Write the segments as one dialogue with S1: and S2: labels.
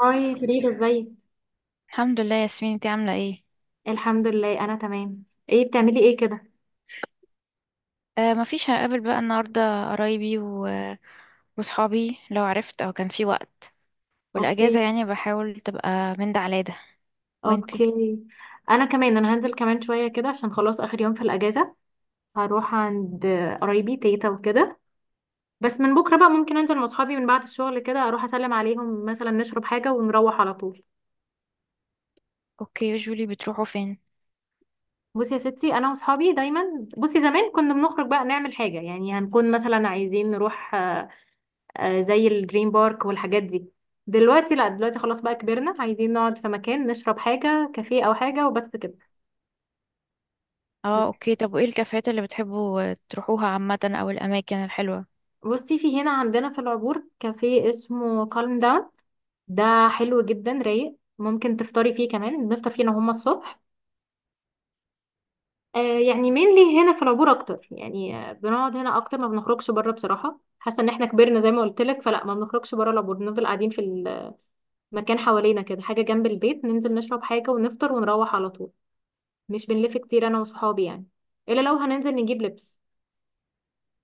S1: هاي فريدة ازيك.
S2: الحمد لله يا ياسمين، انتي عاملة ايه؟
S1: الحمد لله انا تمام. ايه بتعملي ايه كده؟
S2: آه مفيش، هقابل بقى النهاردة قرايبي وصحابي لو عرفت او كان في وقت.
S1: اوكي.
S2: والاجازة يعني بحاول تبقى من ده على ده. وانتي؟
S1: اوكي. انا كمان هنزل كمان شوية كده عشان خلاص اخر يوم في الاجازة. هروح عند قرايبي تيتا وكده. بس من بكرة بقى ممكن انزل مع اصحابي من بعد الشغل كده اروح اسلم عليهم مثلا، نشرب حاجة ونروح على طول.
S2: اوكي. يوجولي، بتروحوا فين؟
S1: بصي يا ستي انا واصحابي دايما، بصي زمان كنا بنخرج بقى نعمل حاجة، يعني هنكون مثلا عايزين نروح، زي الدريم بارك والحاجات دي. دلوقتي لا، دلوقتي خلاص بقى كبرنا، عايزين نقعد في مكان نشرب حاجة كافيه أو حاجة وبس كده.
S2: اه اوكي، طب وايه الكافيهات اللي بتحبوا تروحوها عامة او الاماكن الحلوة؟
S1: بصي في هنا عندنا في العبور كافيه اسمه كالم داون. ده حلو جدا، رايق، ممكن تفطري فيه كمان، بنفطر فيه انا وهما الصبح. آه يعني مينلي هنا في العبور اكتر، يعني بنقعد هنا اكتر، ما بنخرجش بره بصراحة، حاسة ان احنا كبرنا زي ما قلت لك، فلا ما بنخرجش بره العبور، بنفضل قاعدين في المكان حوالينا كده، حاجة جنب البيت ننزل نشرب حاجة ونفطر ونروح على طول. مش بنلف كتير انا وصحابي يعني، الا لو هننزل نجيب لبس.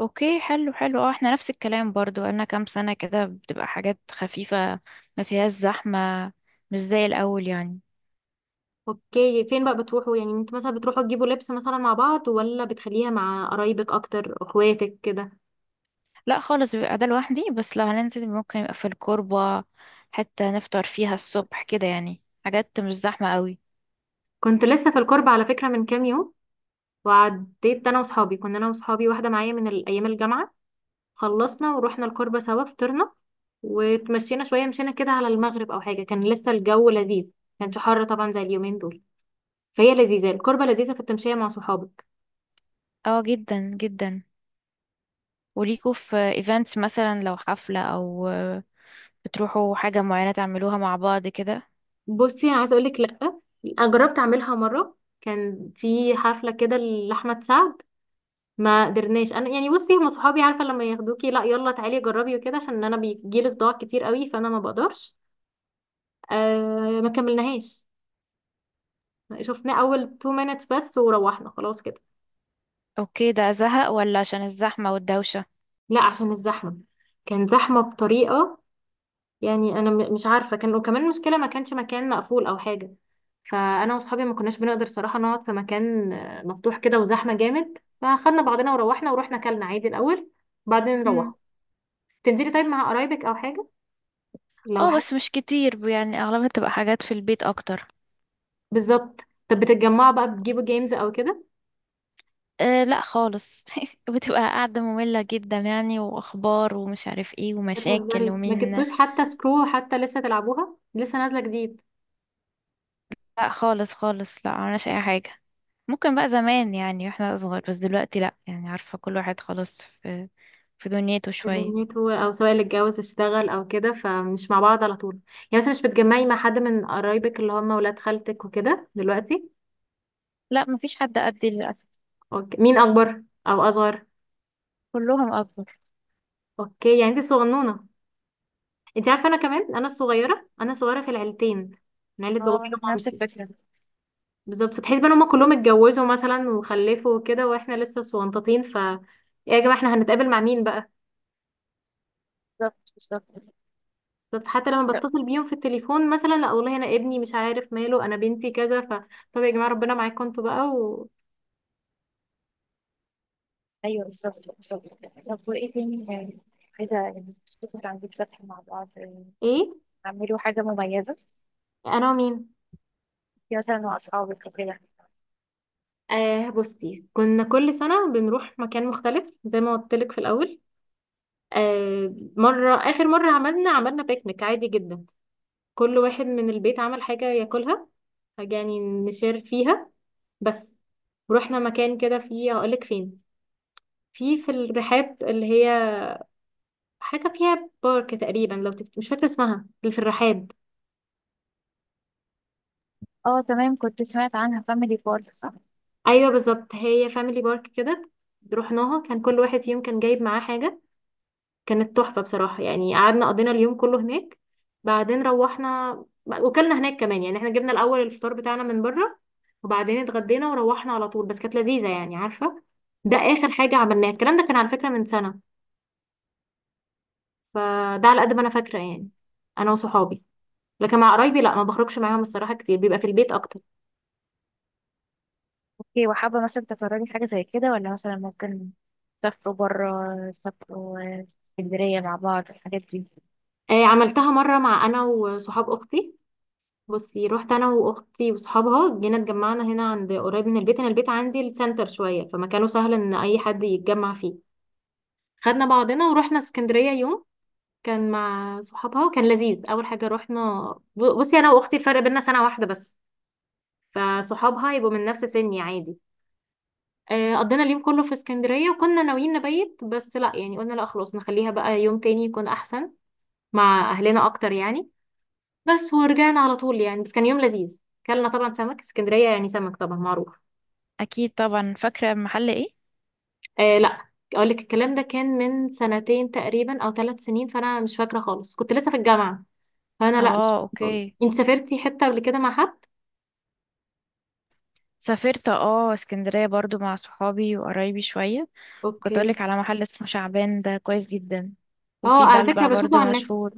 S2: اوكي حلو حلو. اه احنا نفس الكلام برضو، انا كام سنة كده بتبقى حاجات خفيفة ما فيهاش زحمة، مش زي الاول يعني.
S1: اوكي فين بقى بتروحوا، يعني انت مثلا بتروحوا تجيبوا لبس مثلا مع بعض ولا بتخليها مع قرايبك اكتر، اخواتك كده؟
S2: لا خالص، بيبقى ده لوحدي، بس لو هننزل ممكن يبقى في الكوربة، حتى نفطر فيها الصبح كده، يعني حاجات مش زحمة قوي.
S1: كنت لسه في القرب على فكرة من كام يوم، وعديت انا وصحابي، واحدة معايا من ايام الجامعة، خلصنا ورحنا القربة سوا، فطرنا وتمشينا شوية، مشينا كده على المغرب او حاجة، كان لسه الجو لذيذ، كانش حر طبعا زي اليومين دول. فهي لذيذة القربة، لذيذة في التمشية مع صحابك.
S2: اه جدا جدا. وليكوا في ايفنتس مثلا، لو حفلة او بتروحوا حاجة معينة تعملوها مع بعض كده؟
S1: بصي انا عايزه اقول لك لا، انا جربت اعملها مره، كان في حفله كده لاحمد سعد، ما قدرناش، انا يعني بصي هم صحابي، عارفه لما ياخدوكي لا يلا تعالي جربي وكده، عشان انا بيجيلي صداع كتير قوي فانا ما بقدرش. ما كملناهاش، شفنا اول 2 minutes بس وروحنا خلاص كده.
S2: اوكي، ده زهق ولا عشان الزحمة والدوشة؟
S1: لا عشان الزحمه، كان زحمه بطريقه، يعني انا مش عارفه، كان وكمان المشكله ما كانش مكان مقفول او حاجه، فانا واصحابي ما كناش بنقدر صراحه نقعد في مكان مفتوح كده وزحمه جامد، فاخدنا بعضنا وروحنا، ورحنا اكلنا عادي الاول بعدين نروح.
S2: مم.
S1: تنزلي طيب مع قرايبك او حاجه، لو
S2: اه
S1: حاجه.
S2: بس مش كتير يعني، اغلبها بتبقى حاجات في البيت اكتر.
S1: بالظبط. طب بتتجمعوا بقى بتجيبوا جيمز او كده؟
S2: أه لا خالص. بتبقى قاعدة مملة جدا يعني، واخبار ومش عارف ايه ومشاكل
S1: بتهزري، ما
S2: ومين.
S1: جبتوش حتى سكرو، حتى لسه تلعبوها، لسه نازله جديد.
S2: لا خالص خالص، لا عملناش اي حاجه. ممكن بقى زمان يعني واحنا اصغر، بس دلوقتي لا، يعني عارفه كل واحد خلاص في دنيته شويه.
S1: دنيته او سواء اللي اتجوز اشتغل او كده، فمش مع بعض على طول. يعني مثلا مش بتجمعي مع حد من قرايبك اللي هم ولاد خالتك وكده دلوقتي؟
S2: لا مفيش حد قدي للاسف.
S1: اوكي مين اكبر او اصغر؟
S2: كلهم اكبر.
S1: اوكي يعني انت الصغنونه. انت عارفه انا كمان انا الصغيره، انا الصغيره في العيلتين، من عيله
S2: اه
S1: بابايا
S2: أنا في نفس
S1: ومامتي.
S2: الفكره.
S1: بالظبط، تحس بقى ان هما كلهم اتجوزوا مثلا وخلفوا وكده، واحنا لسه صغنطاطين، ف إيه يا جماعه احنا هنتقابل مع مين بقى؟
S2: بالظبط بالظبط.
S1: بالظبط، حتى لما
S2: لا،
S1: بتصل بيهم في التليفون مثلا، لا والله انا ابني مش عارف ماله، انا بنتي كذا، ف طب يا جماعه ربنا معاكم انتوا بقى و.
S2: ايوه بالظبط بالظبط. طب وايه تاني يعني؟ عايزه يعني تشوفوا تعملوا سفر مع بعض يعني،
S1: ايه؟
S2: تعملوا حاجه مميزه،
S1: انا ومين؟
S2: في مثلا مع اصحابك وكده؟
S1: آه بصي كنا كل سنه بنروح مكان مختلف زي ما قلت لك في الاول. آه مرة، آخر مرة عملنا بيكنيك عادي جدا، كل واحد من البيت عمل حاجة ياكلها، حاجة يعني نشير فيها بس. رحنا مكان كده فيه، هقولك فين، في الرحاب، اللي هي حاجة فيها بارك تقريبا، لو مش فاكرة اسمها، اللي في الرحاب.
S2: اه تمام، كنت سمعت عنها، فاميلي بارك صح؟
S1: أيوة بالظبط هي فاميلي بارك كده. رحناها كان كل واحد فيهم كان جايب معاه حاجة، كانت تحفة بصراحة يعني، قعدنا قضينا اليوم كله هناك، بعدين روحنا، وكلنا هناك كمان، يعني احنا جبنا الأول الفطار بتاعنا من بره، وبعدين اتغدينا وروحنا على طول، بس كانت لذيذة يعني عارفة. ده آخر حاجة عملناها، الكلام ده كان على فكرة من سنة، فده على قد ما أنا فاكرة يعني، أنا وصحابي. لكن مع قرايبي لا، ما بخرجش معاهم الصراحة كتير، بيبقى في البيت أكتر.
S2: اوكي، وحابة مثلا تتفرجي حاجة زي كده، ولا مثلا ممكن تسافروا برا، تسافروا اسكندرية؟
S1: آه عملتها مرة مع، أنا وصحاب أختي، بصي رحت انا واختي وصحابها، جينا اتجمعنا هنا عند قريب من البيت، انا البيت عندي السنتر شويه، فمكانه سهل ان اي حد يتجمع فيه، خدنا بعضنا ورحنا اسكندريه يوم. كان مع صحابها كان لذيذ، اول حاجه رحنا بصي انا واختي الفرق بينا سنه واحده بس، فصحابها يبقوا من نفس سني عادي. قضينا اليوم كله في اسكندريه، وكنا ناويين نبيت بس لا، يعني قلنا لا خلاص نخليها بقى يوم تاني يكون احسن مع اهلنا اكتر يعني، بس ورجعنا على طول، يعني بس كان يوم لذيذ، كلنا طبعا سمك اسكندريه، يعني سمك طبعا معروف.
S2: اكيد طبعا. فاكره المحل ايه؟
S1: آه لا، اقول لك الكلام ده كان من 2 سنين تقريبا او 3 سنين، فانا مش فاكره خالص، كنت لسه في الجامعه، فانا لا مش
S2: اه
S1: فاكره خالص.
S2: اوكي.
S1: انت سافرتي حته قبل كده مع حد؟
S2: سافرت اه اسكندريه برضو مع صحابي وقرايبي شويه. كنت
S1: اوكي.
S2: اقولك على محل اسمه شعبان، ده كويس جدا،
S1: اه
S2: وفي
S1: على فكره
S2: بلبع
S1: بشوفه
S2: برضو
S1: على النت.
S2: مشهور.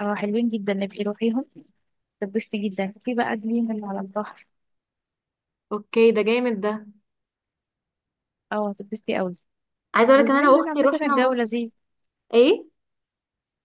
S2: اه حلوين جدا، نبقي روحيهم. تبسطي جدا في بقى جليم اللي على البحر.
S1: اوكي ده جامد ده.
S2: اه هتتبسطي قوي.
S1: عايزه اقول لك ان انا
S2: واليومين دول
S1: واختي
S2: عامه
S1: رحنا
S2: الجو
S1: مره.
S2: لذيذ.
S1: ايه؟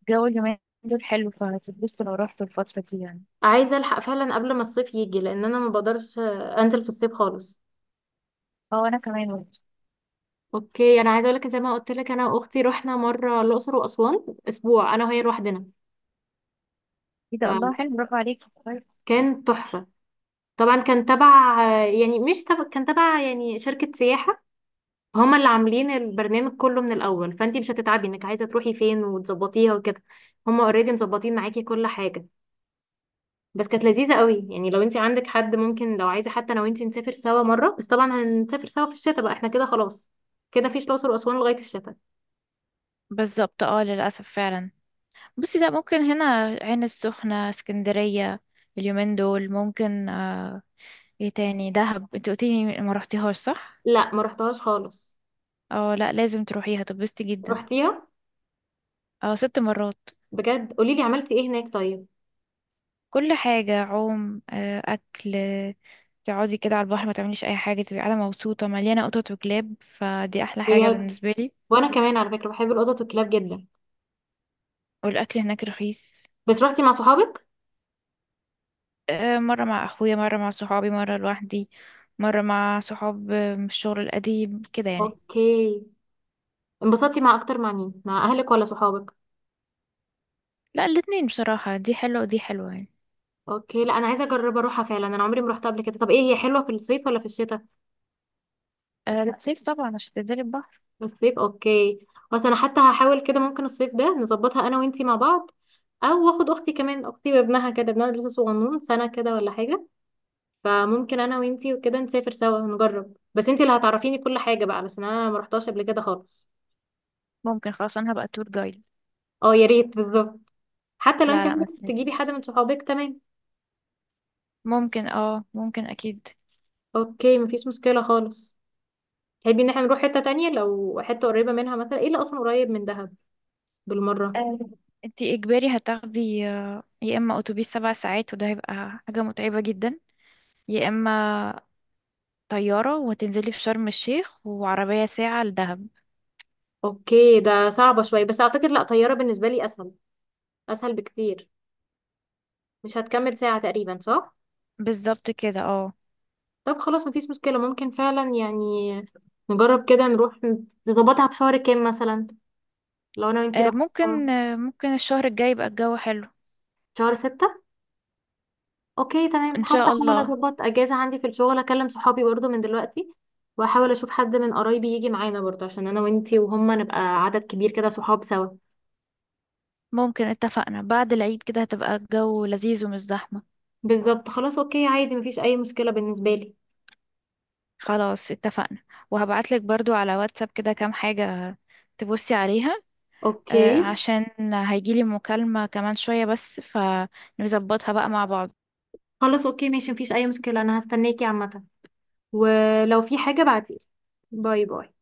S2: الجو اليومين دول حلو، فهتتبسطوا لو رحتوا الفتره دي يعني.
S1: عايزه الحق فعلا قبل ما الصيف يجي، لان انا ما بقدرش انزل في الصيف خالص.
S2: اه انا كمان.
S1: اوكي انا عايزه اقول لك، زي ما قلت لك انا واختي رحنا مره الاقصر واسوان اسبوع، انا وهي لوحدنا،
S2: ايه ده! الله حلو، برافو عليكي، كويس.
S1: فكان تحفه. طبعا كان تبع يعني، مش تبع كان تبع يعني شركة سياحة، هما اللي عاملين البرنامج كله من الأول، فانتي مش هتتعبي انك عايزة تروحي فين وتظبطيها وكده، هما اوريدي مظبطين معاكي كل حاجة. بس كانت لذيذة قوي، يعني لو انتي عندك حد ممكن، لو عايزة حتى انا وانتي نسافر سوا مرة، بس طبعا هنسافر سوا في الشتاء بقى احنا كده خلاص، كده مفيش الأقصر وأسوان لغاية الشتاء.
S2: بالظبط اه للأسف فعلا. بصي ده ممكن هنا عين السخنة، اسكندرية، اليومين دول ممكن. ايه تاني؟ دهب انت قلتيلي ما رحتيهاش صح؟
S1: لا ما رحتهاش خالص.
S2: اه لا، لازم تروحيها تبسطي جدا.
S1: رحتيها؟
S2: اه 6 مرات.
S1: بجد؟ قوليلي عملتي ايه هناك طيب.
S2: كل حاجة، عوم أكل، تقعدي كده على البحر، ما تعمليش أي حاجة، تبقي قاعدة مبسوطة مليانة قطط وكلاب، فدي أحلى حاجة
S1: بجد؟
S2: بالنسبة لي.
S1: وانا كمان على فكرة بحب القطط والكلاب جدا.
S2: والأكل هناك رخيص.
S1: بس رحتي مع صحابك؟
S2: آه، مرة مع أخويا، مرة مع صحابي، مرة لوحدي، مرة مع صحاب من الشغل القديم كده يعني.
S1: اوكي. انبسطتي مع اكتر، مع مين، مع اهلك ولا صحابك؟
S2: لا الاتنين بصراحة، دي حلوة ودي حلوة يعني.
S1: اوكي لا انا عايزه اجرب اروحها فعلا، انا عمري ما رحتها قبل كده. طب ايه هي حلوه في الصيف ولا في الشتاء؟
S2: أه لا صيف طبعا عشان تنزلي البحر.
S1: في الصيف، اوكي. بس انا حتى هحاول كده، ممكن الصيف ده نظبطها انا وانتي مع بعض، او اخد اختي كمان، اختي وابنها كده، ابنها لسه صغنون سنه كده ولا حاجه، فممكن انا وانتي وكده نسافر سوا نجرب، بس انتي اللي هتعرفيني كل حاجه بقى علشان انا ما رحتهاش قبل كده خالص.
S2: ممكن خلاص، أنا هبقى تور جايد.
S1: اه يا ريت، بالظبط، حتى لو
S2: لا
S1: انتي
S2: لا ما
S1: عندك تجيبي حد
S2: تنزليش.
S1: من صحابك تمام.
S2: ممكن أكيد.
S1: اوكي مفيش مشكله خالص. تحبي ان احنا نروح حتة تانية، لو حتة قريبة منها مثلا، ايه اللي اصلا قريب من دهب بالمرة؟
S2: أه انتي إجباري هتاخدي يا إما أتوبيس 7 ساعات وده هيبقى حاجة متعبة جدا، يا إما طيارة وتنزلي في شرم الشيخ وعربية ساعة لدهب.
S1: اوكي ده صعبة شوية بس اعتقد لا، طيارة بالنسبة لي اسهل، اسهل بكتير. مش هتكمل ساعة تقريبا صح؟
S2: بالظبط كده اه.
S1: طب خلاص مفيش مشكلة، ممكن فعلا يعني نجرب كده نروح، نظبطها في شهر كام مثلا لو انا وانتي رحنا سوا.
S2: ممكن الشهر الجاي يبقى الجو حلو.
S1: شهر 6. اوكي تمام،
S2: ان
S1: حتى
S2: شاء
S1: احاول
S2: الله.
S1: اظبط اجازة عندي في الشغل، اكلم صحابي برضو من دلوقتي، واحاول اشوف حد من قرايبي يجي معانا برضو، عشان انا وانتي وهما نبقى عدد كبير كده، صحاب سوا.
S2: ممكن، اتفقنا بعد العيد كده هتبقى الجو لذيذ ومش زحمة.
S1: بالظبط، خلاص اوكي عادي مفيش اي مشكلة بالنسبة لي.
S2: خلاص اتفقنا. وهبعتلك برضو على واتساب كده كام حاجة تبصي عليها.
S1: اوكي.
S2: عشان هيجيلي مكالمة كمان شوية بس، فنظبطها بقى مع بعض.
S1: خلاص اوكي ماشي مفيش اي مشكلة، انا هستناكي عامة، ولو في حاجة بعتيلي. باي باي.